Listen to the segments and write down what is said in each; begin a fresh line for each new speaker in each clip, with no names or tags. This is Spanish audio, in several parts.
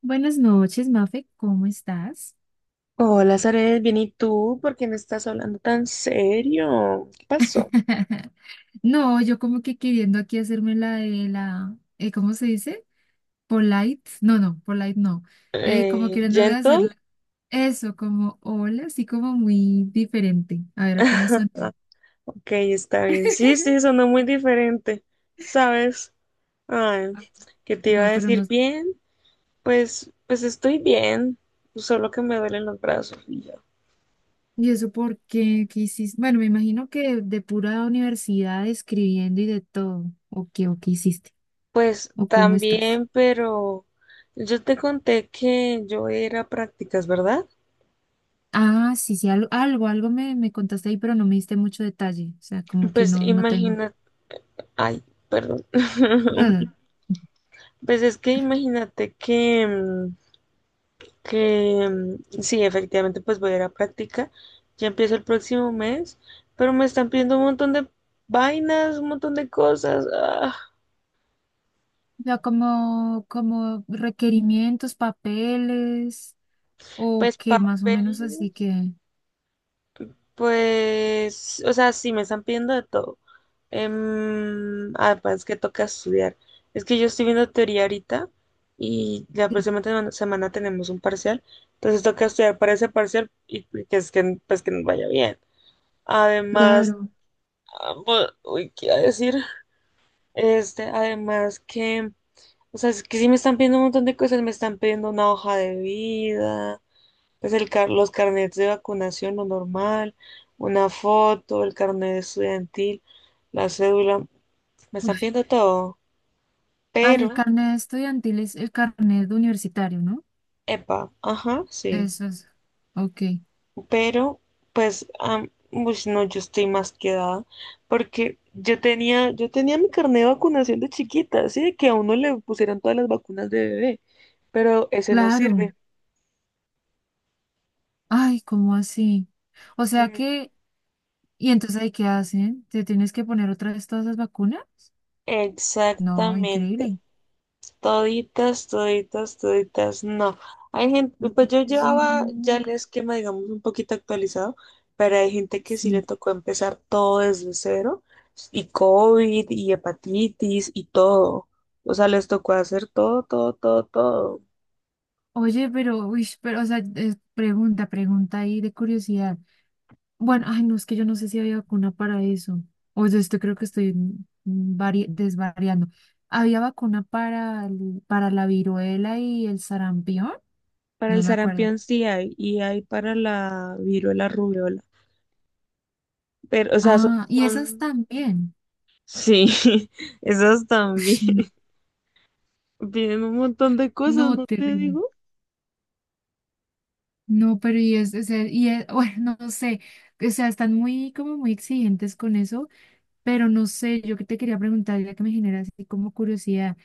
Buenas noches, Mafe, ¿cómo estás?
Hola, Zaret, bien, ¿y tú? ¿Por qué me estás hablando tan serio? ¿Qué pasó?
No, yo como que queriendo aquí hacerme la de la, ¿cómo se dice? Polite, no, no, polite no, como queriéndome
¿Gentle?
hacer eso, como hola, así como muy diferente, a ver cómo son.
Ok, está bien. Sí, sí, sonó muy diferente, ¿sabes? Ay, ¿qué te iba a
No, pero no,
decir? Bien, pues estoy bien, solo que me duelen los brazos y ya.
¿y eso por qué? ¿Qué hiciste? Bueno, me imagino que de pura universidad escribiendo y de todo, o qué hiciste,
Pues
o cómo estás.
también, pero yo te conté que yo era a ir a prácticas, ¿verdad?
Ah, sí, sí, algo, me contaste ahí, pero no me diste mucho detalle. O sea, como que
Pues
no tengo.
imagínate, ay, perdón.
No, no.
Pues es que imagínate que, que sí, efectivamente, pues voy a ir a práctica. Ya empiezo el próximo mes, pero me están pidiendo un montón de vainas, un montón de cosas.
O como requerimientos, papeles, o
Pues
qué, más o menos
papeles,
así que.
pues, o sea, sí, me están pidiendo de todo. Pues es que toca estudiar. Es que yo estoy viendo teoría ahorita y la
Sí,
próxima semana tenemos un parcial, entonces toca estudiar para ese parcial y que es que, pues, que nos vaya bien. Además,
claro.
¿qué iba a decir? Este, además que, o sea, es que sí me están pidiendo un montón de cosas, me están pidiendo una hoja de vida, pues los carnets de vacunación, lo normal, una foto, el carnet estudiantil, la cédula, me están pidiendo todo,
Ah, el
pero,
carnet estudiantil es el carnet de universitario, ¿no?
epa, ajá, sí.
Eso es. Ok.
Pero pues, no, yo estoy más quedada, porque yo tenía mi carnet de vacunación de chiquita, así de que a uno le pusieron todas las vacunas de bebé, pero ese no
Claro.
sirve.
Ay, ¿cómo así? O sea
Mm,
que. ¿Y entonces ahí qué hacen? ¿Te tienes que poner otra vez todas las vacunas? No,
exactamente.
increíble.
Toditas, toditas, toditas, no. Hay gente, pues yo
Oye,
llevaba ya
no.
el esquema, digamos, un poquito actualizado, pero hay gente que sí le
Sí.
tocó empezar todo desde cero, y COVID, y hepatitis, y todo. O sea, les tocó hacer todo, todo, todo, todo.
Oye, pero, uy, pero, o sea, es pregunta, pregunta ahí de curiosidad. Bueno, ay, no, es que yo no sé si había vacuna para eso. O sea, esto creo que estoy desvariando. ¿Había vacuna para, para la viruela y el sarampión?
Para
Yo
el
me acuerdo.
sarampión sí hay, y hay para la viruela, rubiola. Pero, o sea,
Ah, y esas también.
Sí, esos también.
Ush, no,
Vienen un montón de cosas,
no,
¿no te
terrible.
digo?
No, pero y es, o sea, bueno, no sé. O sea, están muy, como muy exigentes con eso. Pero no sé, yo que te quería preguntar, ya que me genera así como curiosidad,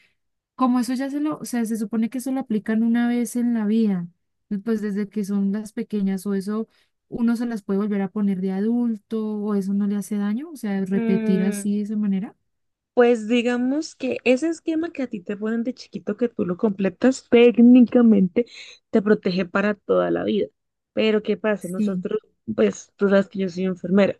como eso ya se lo, o sea, se supone que eso lo aplican una vez en la vida, y pues desde que son las pequeñas o eso uno se las puede volver a poner de adulto o eso no le hace daño, o sea, repetir así de esa manera.
Pues digamos que ese esquema que a ti te ponen de chiquito que tú lo completas, técnicamente te protege para toda la vida. Pero ¿qué pasa?
Sí,
Nosotros, pues tú sabes que yo soy enfermera.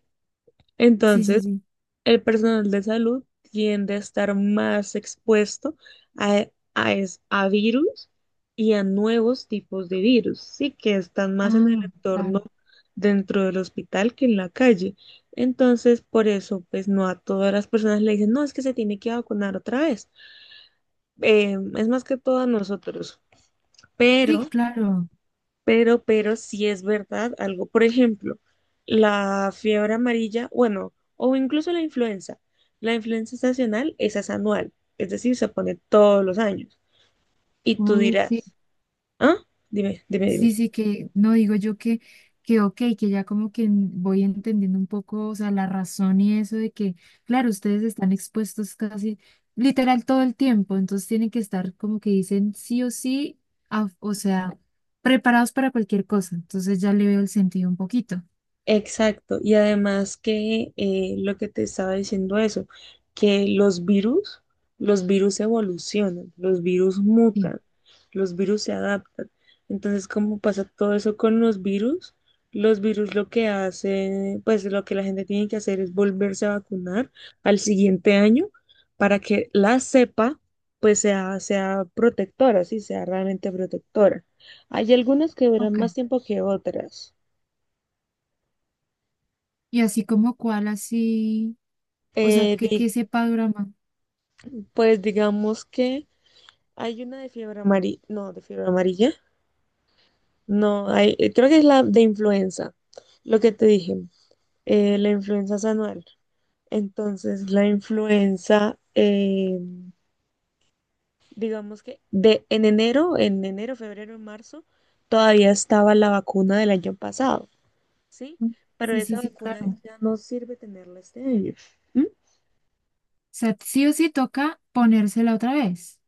sí, sí,
Entonces,
sí.
el personal de salud tiende a estar más expuesto a, a virus y a nuevos tipos de virus, sí, que están más en el
Ah,
entorno
claro.
dentro del hospital que en la calle. Entonces, por eso, pues no a todas las personas le dicen, no, es que se tiene que vacunar otra vez. Es más que todo a nosotros, pero
Sí, claro.
pero sí es verdad algo. Por ejemplo, la fiebre amarilla, bueno, o incluso la influenza. La influenza estacional, esa es anual, es decir, se pone todos los años. Y tú
Ok.
dirás, ¿ah? Dime, dime, dime.
Sí, sí, que no digo yo que, ok, que ya como que voy entendiendo un poco, o sea, la razón y eso de que, claro, ustedes están expuestos casi literal todo el tiempo, entonces tienen que estar como que dicen sí o sí, o sea, preparados para cualquier cosa, entonces ya le veo el sentido un poquito.
Exacto, y además que lo que te estaba diciendo eso, que los virus evolucionan, los virus
Sí,
mutan, los virus se adaptan. Entonces, como pasa todo eso con los virus? Los virus lo que hacen, pues lo que la gente tiene que hacer es volverse a vacunar al siguiente año para que la cepa pues sea protectora, sí, sea realmente protectora. Hay algunas que duran
ok.
más tiempo que otras.
Y así como cuál, así, o sea, que sepa Durama.
Pues digamos que hay una de fiebre amarilla, no, de fiebre amarilla, no, hay, creo que es la de influenza, lo que te dije, la influenza es anual. Entonces, la influenza, digamos en enero, febrero, en marzo, todavía estaba la vacuna del año pasado, ¿sí? Pero
Sí, sí,
esa
sí,
vacuna
claro. O
ya no sirve tenerla este año.
sea, sí o sí toca ponérsela otra vez.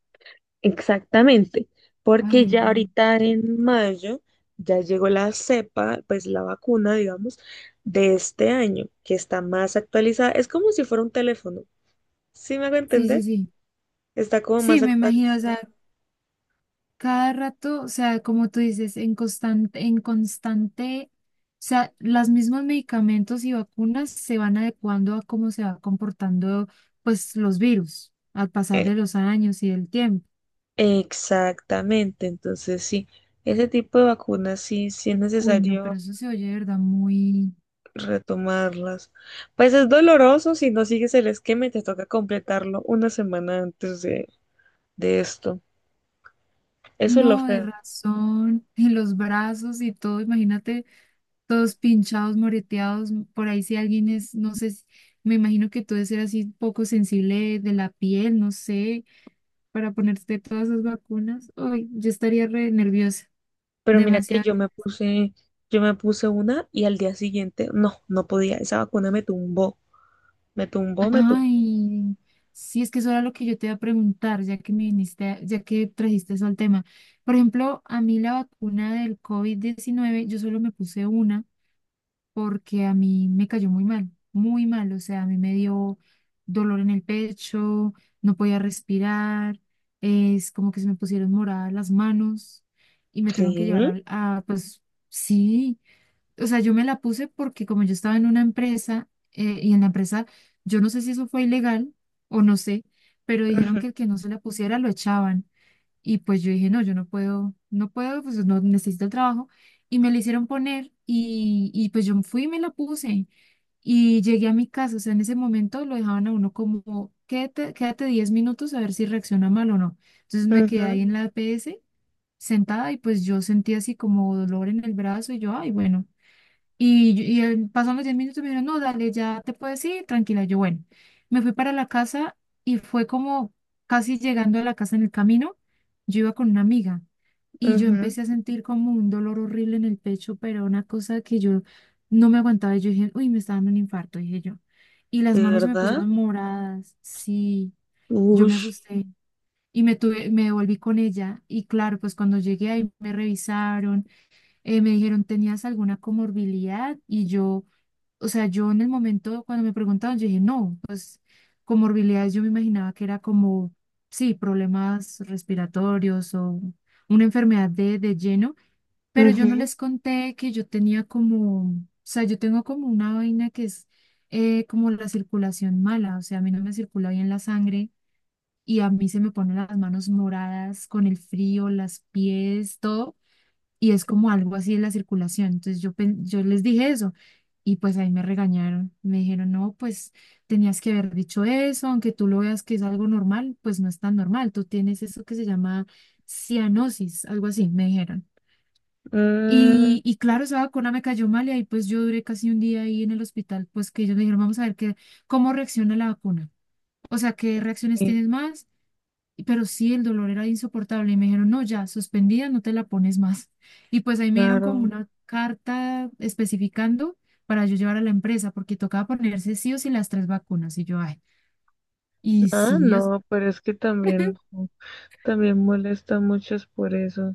Exactamente, porque
Ay,
ya
no.
ahorita en mayo ya llegó la cepa, pues la vacuna, digamos, de este año, que está más actualizada. Es como si fuera un teléfono, ¿sí me hago
Sí, sí,
entender?
sí.
Está como
Sí,
más
me imagino, o
actualizada.
sea, cada rato, o sea, como tú dices, en constante, o sea, los mismos medicamentos y vacunas se van adecuando a cómo se va comportando, pues, los virus al pasar
Eh,
de los años y del tiempo.
Exactamente, entonces sí, ese tipo de vacunas sí, sí es
Uy, no, pero
necesario
eso se oye, de verdad, muy,
retomarlas. Pues es doloroso si no sigues el esquema y te toca completarlo una semana antes de esto. Eso es lo
no, de
feo.
razón, y los brazos y todo, imagínate, todos pinchados, moreteados, por ahí si alguien es, no sé, me imagino que tú debes ser así poco sensible de la piel, no sé para ponerte todas esas vacunas, uy, yo estaría re nerviosa,
Pero mira que
demasiado.
yo me puse una y al día siguiente, no, no podía. Esa vacuna me tumbó, me tumbó, me tumbó.
Ay, sí, es que eso era lo que yo te iba a preguntar, ya que me viniste, ya que trajiste eso al tema. Por ejemplo, a mí la vacuna del COVID-19, yo solo me puse una porque a mí me cayó muy mal, o sea, a mí me dio dolor en el pecho, no podía respirar, es como que se me pusieron moradas las manos y me
Sí.
tuvieron que llevar a, pues, sí. O sea, yo me la puse porque como yo estaba en una empresa y en la empresa, yo no sé si eso fue ilegal o no sé, pero dijeron
Ujú,
que el que no se la pusiera lo echaban. Y pues yo dije, no, yo no puedo, no puedo, pues no necesito el trabajo. Y me la hicieron poner y pues yo fui y me la puse y llegué a mi casa. O sea, en ese momento lo dejaban a uno como, quédate, quédate 10 minutos a ver si reacciona mal o no. Entonces me quedé ahí en
ujú,
la APS sentada y pues yo sentí así como dolor en el brazo y yo, ay, bueno. Y pasaron los 10 minutos y me dijeron, no, dale, ya te puedes ir, tranquila. Yo, bueno, me fui para la casa y fue como casi llegando a la casa en el camino, yo iba con una amiga y yo
ujú.
empecé a sentir como un dolor horrible en el pecho, pero una cosa que yo no me aguantaba. Y yo dije, uy, me está dando un infarto, dije yo. Y las
¿De
manos se me
verdad?
pusieron moradas, sí, yo me
Ush.
asusté y me devolví con ella. Y claro, pues cuando llegué ahí me revisaron, me dijeron, ¿tenías alguna comorbilidad? Y yo, o sea, yo en el momento cuando me preguntaban, yo dije, no, pues comorbilidades yo me imaginaba que era como, sí, problemas respiratorios o una enfermedad de, lleno, pero yo no
Ujú.
les conté que yo tenía como, o sea, yo tengo como una vaina que es como la circulación mala, o sea, a mí no me circula bien la sangre. Y a mí se me ponen las manos moradas con el frío, las pies, todo y es como algo así de la circulación. Entonces yo les dije eso y pues ahí me regañaron. Me dijeron, no, pues tenías que haber dicho eso, aunque tú lo veas que es algo normal, pues no es tan normal. Tú tienes eso que se llama cianosis, algo así, me dijeron.
Mm,
Y claro, esa vacuna me cayó mal y ahí pues yo duré casi un día ahí en el hospital, pues que ellos me dijeron, vamos a ver cómo reacciona la vacuna. O sea, ¿qué reacciones
sí,
tienes más? Pero sí, el dolor era insoportable. Y me dijeron, no, ya, suspendida, no te la pones más. Y pues ahí me dieron como
claro.
una carta especificando para yo llevar a la empresa, porque tocaba ponerse sí o sí las tres vacunas. Y yo, ay, y
Ah,
sí,
no, pero es que también, también molesta mucho es por eso.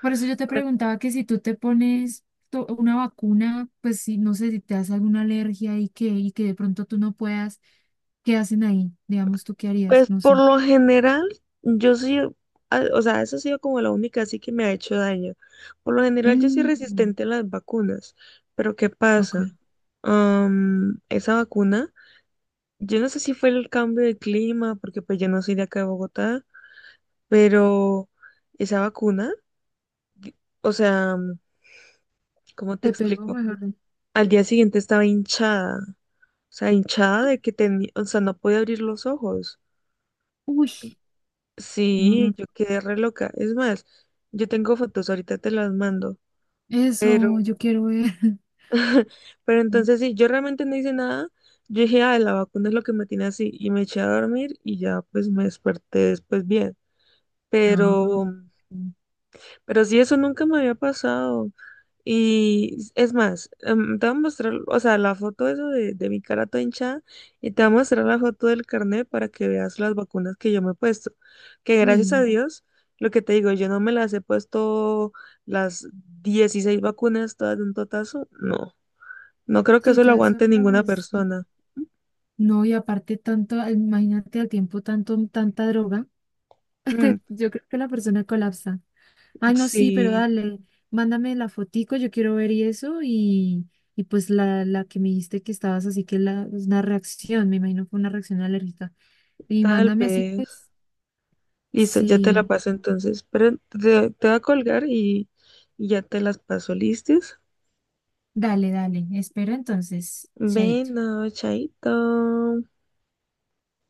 por eso yo te preguntaba que si tú te pones una vacuna, pues si no sé si te hace alguna alergia y que de pronto tú no puedas, ¿qué hacen ahí? Digamos, ¿tú qué harías?
Pues
No
por
sé.
lo general, yo sí, o sea, eso ha sido como la única así que me ha hecho daño. Por lo general, yo soy
Mm,
resistente a las vacunas, pero ¿qué
ok.
pasa? Esa vacuna, yo no sé si fue el cambio de clima, porque pues yo no soy de acá de Bogotá, pero esa vacuna, di- o sea, ¿cómo te
Te pegó
explico?
mejor.
Al día siguiente estaba hinchada, o sea, hinchada de que tenía, o sea, no podía abrir los ojos.
Uy, no, no.
Sí, yo quedé re loca. Es más, yo tengo fotos, ahorita te las mando. Pero,
Eso, yo quiero ver.
pero
Mm,
entonces sí, yo realmente no hice nada. Yo dije, ah, la vacuna es lo que me tiene así. Y me eché a dormir y ya pues me desperté después bien.
ah,
Pero,
ok.
Pero sí, eso nunca me había pasado. Y es más, te voy a mostrar, o sea, la foto esa de mi cara toda hinchada y te voy a mostrar la foto del carnet para que veas las vacunas que yo me he puesto. Que gracias a
Bueno,
Dios, lo que te digo, yo no me las he puesto las 16 vacunas todas de un totazo. No, no creo que
sí,
eso lo
todo eso
aguante
para
ninguna
agradecer.
persona.
No, y aparte tanto, imagínate al tiempo tanto, tanta droga.
Mm,
Yo creo que la persona colapsa. Ay, no, sí, pero
sí,
dale, mándame la fotico, yo quiero ver y eso, y pues la que me dijiste que estabas así que la, es una reacción, me imagino fue una reacción alérgica. Y
tal
mándame así,
vez.
pues,
Listo, ya te la
sí,
paso entonces. Te voy a colgar y ya te las paso, ¿listos?
dale, dale, espero entonces, chaito.
Bueno, chaito.